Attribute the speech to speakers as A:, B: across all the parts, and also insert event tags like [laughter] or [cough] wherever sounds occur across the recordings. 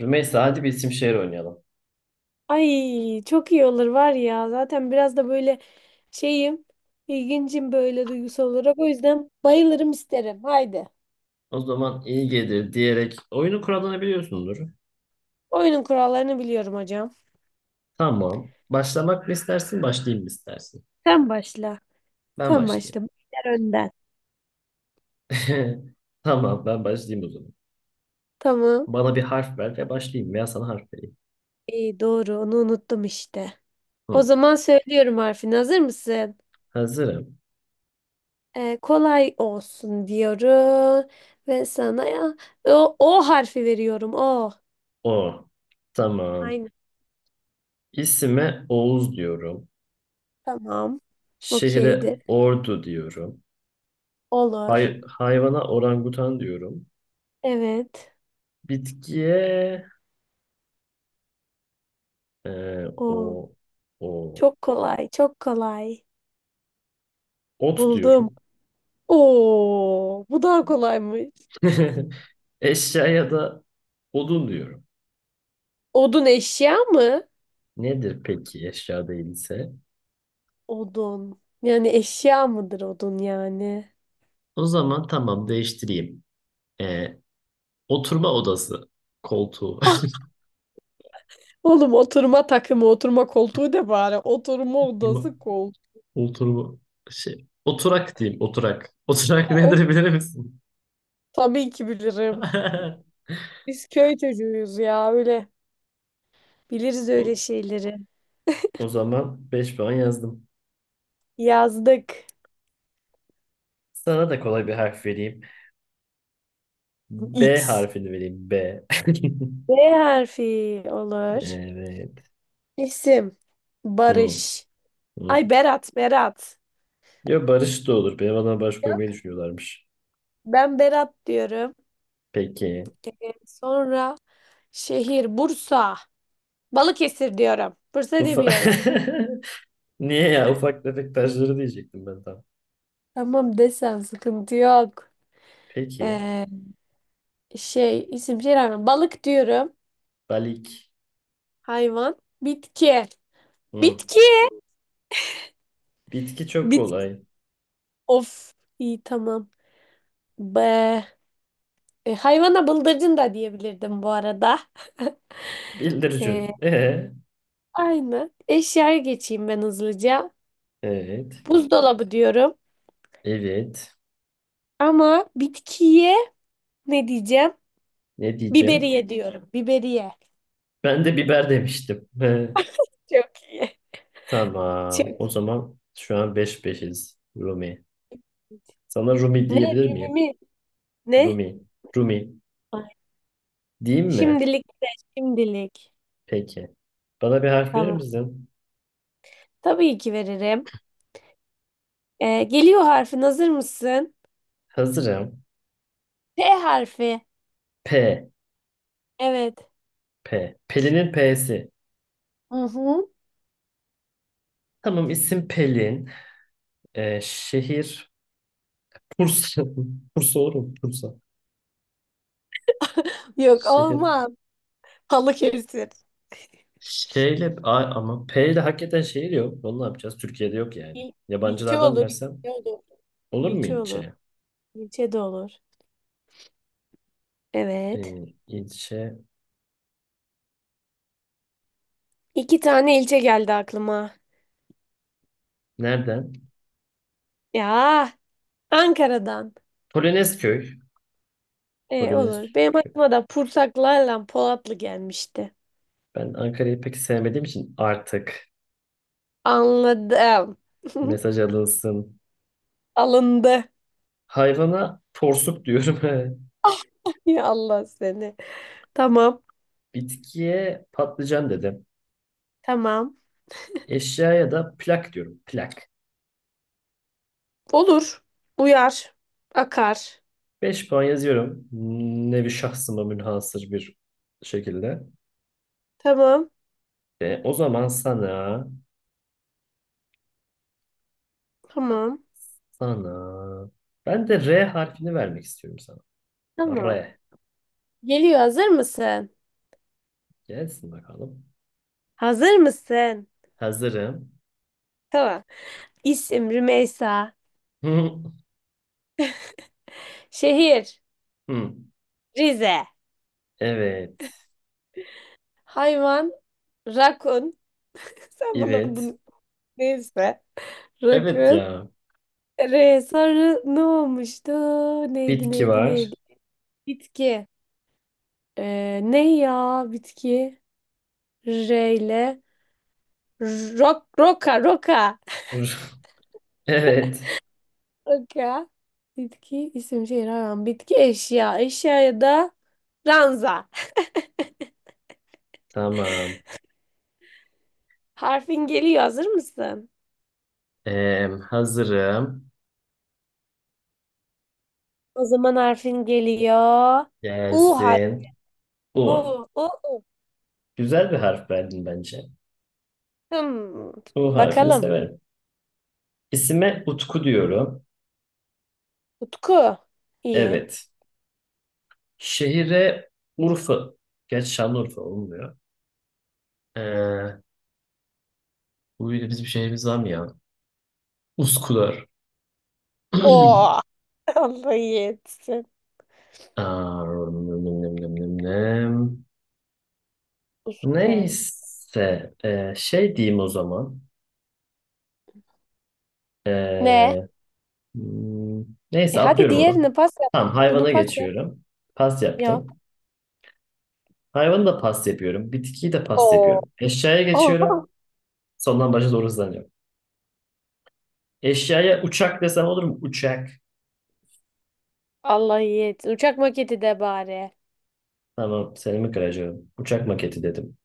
A: Rümeysa hadi bir isim şehir oynayalım.
B: Ay çok iyi olur var ya. Zaten biraz da böyle şeyim, ilgincim böyle duygusal olarak. O yüzden bayılırım isterim. Haydi.
A: O zaman iyi gelir diyerek oyunu kurallarını biliyorsundur.
B: Oyunun kurallarını biliyorum hocam.
A: Tamam. Başlamak mı istersin, başlayayım mı istersin?
B: Sen başla.
A: Ben
B: Sen
A: başlayayım.
B: başla. Başlar önden.
A: [laughs] Tamam, ben başlayayım o zaman.
B: Tamam.
A: Bana bir harf ver ve başlayayım veya sana harf vereyim.
B: İyi doğru. Onu unuttum işte. O
A: Hı.
B: zaman söylüyorum harfini. Hazır mısın?
A: Hazırım.
B: Kolay olsun diyorum. Ve sana ya o harfi veriyorum. O.
A: O. Tamam.
B: Aynen.
A: İsime Oğuz diyorum.
B: Tamam.
A: Şehre
B: Okeydir.
A: Ordu diyorum.
B: Olur.
A: Hayvana orangutan diyorum.
B: Evet.
A: Bitkiye e,
B: O.
A: o o
B: Çok kolay, çok kolay.
A: ot
B: Buldum.
A: diyorum.
B: Oo, bu daha kolaymış.
A: [laughs] Eşyaya da odun diyorum.
B: Odun eşya mı?
A: Nedir peki eşya değilse?
B: Odun. Yani eşya mıdır odun yani? [laughs]
A: O zaman tamam değiştireyim. Ee, oturma odası koltuğu.
B: Ah,
A: [laughs]
B: oğlum oturma takımı, oturma koltuğu da bari. Oturma
A: Oturma,
B: odası koltuğu.
A: oturma şey. Oturak diyeyim oturak. Oturak [laughs]
B: E, o
A: nedir bilir misin?
B: tabii ki bilirim.
A: [laughs]
B: Biz köy çocuğuyuz ya öyle. Biliriz öyle
A: O,
B: şeyleri.
A: o zaman beş puan yazdım.
B: Yazdık.
A: Sana da kolay bir harf vereyim. B
B: X.
A: harfini vereyim. B. [laughs]
B: B harfi olur.
A: Evet.
B: İsim.
A: Hı,
B: Barış.
A: hı.
B: Ay Berat, Berat.
A: Ya Barış da olur. Benim adına Barış
B: Ya?
A: koymayı düşünüyorlarmış.
B: Ben Berat diyorum.
A: Peki.
B: Sonra şehir Bursa. Balıkesir diyorum. Bursa
A: Ufak...
B: demiyorum.
A: [laughs] Niye ya? Ufak tefek taşları diyecektim ben tam.
B: Tamam desen sıkıntı yok.
A: Peki.
B: Ee, Şey isim şey rağmen balık diyorum.
A: Balik.
B: Hayvan. Bitki.
A: Hı.
B: Bitki.
A: Bitki çok
B: Bit.
A: kolay.
B: Of. İyi tamam. Be. E, hayvana bıldırcın da diyebilirdim bu arada. [laughs]
A: Bildircün.
B: Ee, Aynı. Eşyaya geçeyim ben hızlıca.
A: Evet.
B: Buzdolabı diyorum.
A: Evet.
B: Ama bitkiye ne diyeceğim?
A: Ne diyeceğim?
B: Biberiye diyorum. Biberiye.
A: Ben de biber demiştim. He.
B: Çok iyi. [laughs]
A: Tamam.
B: Çok
A: O zaman şu an beş beşiz. Rumi.
B: iyi.
A: Sana Rumi
B: Ne?
A: diyebilir miyim?
B: Cümimi? Ne?
A: Rumi. Rumi.
B: Ay,
A: Diyeyim mi?
B: şimdilik de şimdilik.
A: Peki. Bana bir harf verir
B: Tamam.
A: misin?
B: Tabii ki veririm. Geliyor harfin. Hazır mısın?
A: Hazırım.
B: T harfi.
A: P.
B: Evet.
A: P. Pelin'in P'si.
B: Hı hı.
A: Tamam isim Pelin. Şehir Bursa. [laughs] Bursa olur mu? Bursa.
B: Yok
A: Şehir.
B: olmam, Balıkesir.
A: Ama P ile hakikaten şehir yok. Onu ne yapacağız? Türkiye'de yok yani.
B: İl ilçe
A: Yabancılardan
B: olur.
A: versem
B: İlçe olur.
A: olur mu
B: İlçe olur.
A: ilçe?
B: İlçe de olur. Evet.
A: İlçe
B: İki tane ilçe geldi aklıma.
A: nereden?
B: Ya Ankara'dan.
A: Polonezköy.
B: Olur.
A: Polonezköy.
B: Benim aklıma da Pursaklarla Polatlı gelmişti.
A: Ben Ankara'yı pek sevmediğim için artık
B: Anladım. [laughs]
A: mesaj alınsın.
B: Alındı.
A: Hayvana porsuk diyorum. [laughs]
B: Ya Allah seni. Tamam.
A: Bitkiye patlıcan dedim.
B: Tamam.
A: Eşyaya da plak diyorum. Plak.
B: Olur. Uyar. Akar.
A: 5 puan yazıyorum. Nevi şahsıma münhasır bir şekilde.
B: Tamam.
A: Ve o zaman
B: Tamam.
A: sana, ben de R harfini vermek istiyorum sana.
B: Tamam.
A: R.
B: Geliyor. Hazır mısın?
A: Gelsin bakalım.
B: Hazır mısın?
A: Hazırım.
B: Tamam. İsim Rümeysa.
A: Hı,
B: Şehir
A: hı.
B: Rize.
A: Evet.
B: Hayvan rakun. [laughs] Sen bana
A: Evet.
B: bunu neyse.
A: Evet
B: Rakun.
A: ya.
B: Re sarı ne olmuştu? Neydi
A: Bitki
B: neydi neydi?
A: var.
B: Bitki. Ne ya bitki? R ile rok, roka, roka.
A: [laughs] Evet.
B: Roka. Bitki, isim, şehir, hayvan. Bitki, eşya. Eşyaya da ranza.
A: Tamam.
B: Harfin geliyor. Hazır mısın?
A: Hazırım.
B: O zaman harfin geliyor. U harfi.
A: Gelsin.
B: U,
A: U.
B: U, U.
A: Güzel bir harf verdin bence.
B: Hmm.
A: U harfini
B: Bakalım.
A: severim. İsime Utku diyorum.
B: Utku. İyi.
A: Evet. Şehire Urfa. Gerçi Şanlıurfa olmuyor. Ee, bu bir bizim şehrimiz var mı ya? Üsküdar.
B: O.
A: [clears throat]
B: [laughs] Allah iyi etsin.
A: Aa, nım nım nım nım nım.
B: Utku doğru.
A: Neyse. Diyeyim o zaman.
B: Ne?
A: Ee, hmm,
B: E
A: neyse
B: hadi
A: atlıyorum onu.
B: diğerini pas
A: Tamam
B: yap. Bunu
A: hayvana
B: pas yap.
A: geçiyorum. Pas
B: Yap.
A: yaptım. Hayvanı da pas yapıyorum. Bitkiyi de pas
B: O.
A: yapıyorum. Eşyaya
B: O.
A: geçiyorum.
B: [laughs]
A: Sondan başa doğru hızlanıyorum. Eşyaya uçak desem olur mu? Uçak.
B: Allah iyi etsin. Uçak maketi de bari.
A: Tamam, seramik aracı. Uçak maketi dedim.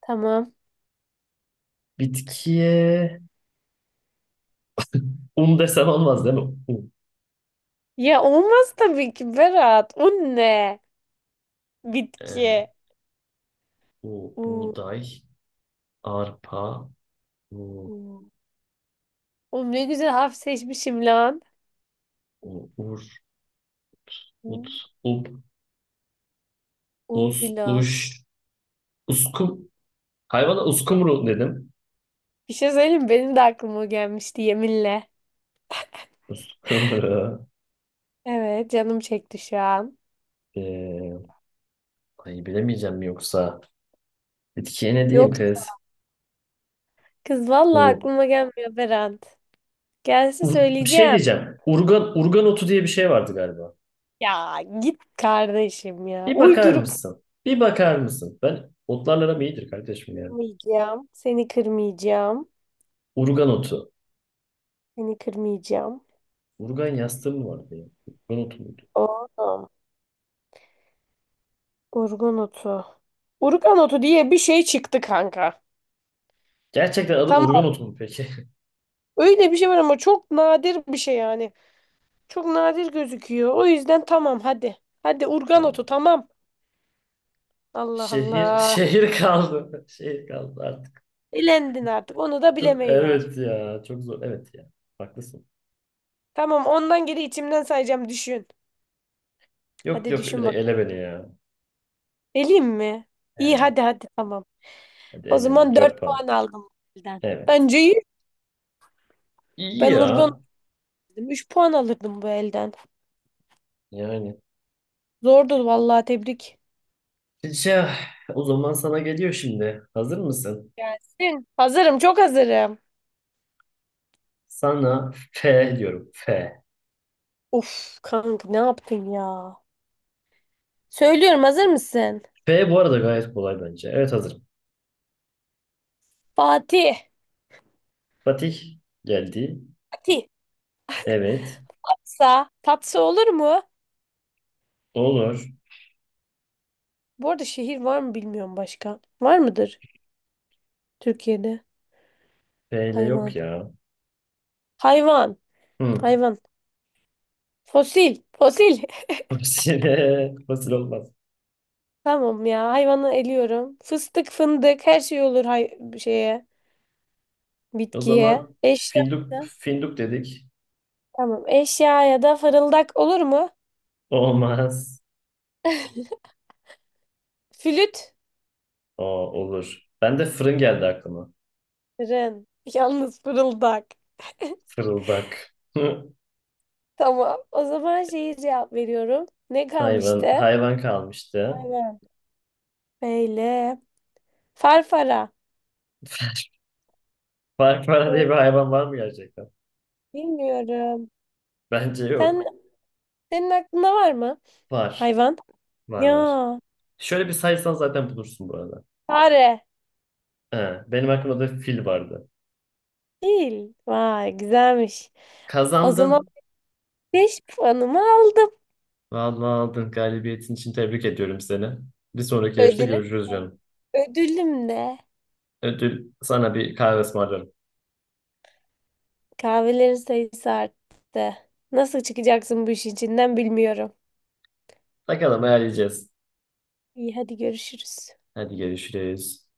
B: Tamam.
A: Bitkiye un desem olmaz değil mi? Un.
B: Ya olmaz tabii ki Berat. O ne? Bitki.
A: Ee,
B: Oo.
A: buğday, arpa, u,
B: Oo. Oğlum ne güzel harf seçmişim lan.
A: u, ur, ut,
B: Oo,
A: up, us,
B: Uğuyla.
A: uş, uskum. Hayvana uskumru dedim.
B: Bir şey söyleyeyim mi? Benim de aklıma gelmişti yeminle.
A: Uskumru.
B: Evet canım çekti şu an.
A: Ee, ay bilemeyeceğim mi yoksa? Bitkiye ne diyeyim
B: Yok
A: kız?
B: kız vallahi
A: U,
B: aklıma gelmiyor Berat. Gelse
A: bir şey
B: söyleyeceğim.
A: diyeceğim. Urgan, urgan otu diye bir şey vardı galiba.
B: Ya git kardeşim ya.
A: Bir bakar
B: Uydurup
A: mısın? Bir bakar mısın? Ben otlarla aram iyidir kardeşim ya.
B: kırmayacağım. Seni kırmayacağım.
A: Urgan otu.
B: Seni kırmayacağım.
A: Urgan yastığı mı vardı ya? Urgan otu muydu?
B: Oo. Urgun otu. Urgan otu diye bir şey çıktı kanka.
A: Gerçekten adı Urgan
B: Tamam.
A: otu mu peki?
B: Öyle bir şey var ama çok nadir bir şey yani. Çok nadir gözüküyor. O yüzden tamam hadi. Hadi
A: [laughs]
B: urgan otu
A: Tamam.
B: tamam. Allah
A: Şehir,
B: Allah.
A: şehir kaldı. [laughs] Şehir kaldı artık.
B: Elendin artık. Onu da
A: Çok
B: bilemeyi ver.
A: evet ya. Çok zor. Evet ya. Haklısın.
B: Tamam ondan geri içimden sayacağım düşün.
A: Yok
B: Hadi
A: yok
B: düşün
A: direkt
B: bak.
A: ele beni ya.
B: Eleyim mi?
A: He,
B: İyi hadi hadi tamam.
A: hadi
B: O
A: elendim.
B: zaman 4
A: 4 puan.
B: puan aldım bu elden.
A: Evet.
B: Bence iyi.
A: İyi
B: Ben urgan
A: ya.
B: dedim. Üç puan alırdım bu elden.
A: Yani.
B: Zordu vallahi tebrik.
A: Şey, o zaman sana geliyor şimdi. Hazır mısın?
B: Gelsin. Hazırım çok hazırım.
A: Sana F diyorum. F.
B: Of kanka ne yaptın ya? Söylüyorum hazır mısın?
A: F bu arada gayet kolay bence. Evet hazırım.
B: Fatih.
A: Fatih geldi.
B: Fatih.
A: Evet.
B: Tatsa. Tatsa olur mu?
A: Olur.
B: Bu arada şehir var mı bilmiyorum başka. Var mıdır Türkiye'de?
A: B ile yok
B: Hayvan.
A: ya.
B: Hayvan.
A: Hı. [laughs]
B: Hayvan. Fosil. Fosil.
A: Fasil, fasil olmaz.
B: [laughs] Tamam ya hayvanı eliyorum. Fıstık fındık her şey olur hay şeye.
A: O
B: Bitkiye.
A: zaman
B: Eşya.
A: finduk,
B: Da.
A: finduk dedik.
B: Tamam eşya ya da fırıldak olur mu?
A: Olmaz.
B: Flüt.
A: O olur. Ben de fırın geldi aklıma.
B: Fırın. [laughs] Yalnız fırıldak.
A: Fırıldak. Hı.
B: Tamam. O zaman şeyi cevap veriyorum. Ne kalmıştı?
A: Hayvan kalmıştı.
B: Aynen. Böyle. Farfara.
A: [laughs] Farfara diye
B: Hı,
A: bir hayvan var mı gerçekten?
B: bilmiyorum.
A: Bence
B: Sen,
A: yok.
B: senin aklında var mı?
A: Var.
B: Hayvan.
A: Var.
B: Ya.
A: Şöyle bir saysan zaten bulursun bu arada.
B: Fare.
A: He, benim aklımda da fil vardı.
B: Değil. Vay güzelmiş. O zaman
A: Kazandın.
B: 5 puanımı aldım.
A: Vallahi aldın. Galibiyetin için tebrik ediyorum seni. Bir sonraki yarışta
B: Ödülüm.
A: görüşürüz
B: Hı.
A: canım.
B: Ödülüm de
A: Ödül sana bir kahve ısmarlarım.
B: kahvelerin sayısı arttı. Nasıl çıkacaksın bu işin içinden bilmiyorum.
A: Bakalım ayarlayacağız.
B: İyi hadi görüşürüz.
A: Hadi görüşürüz.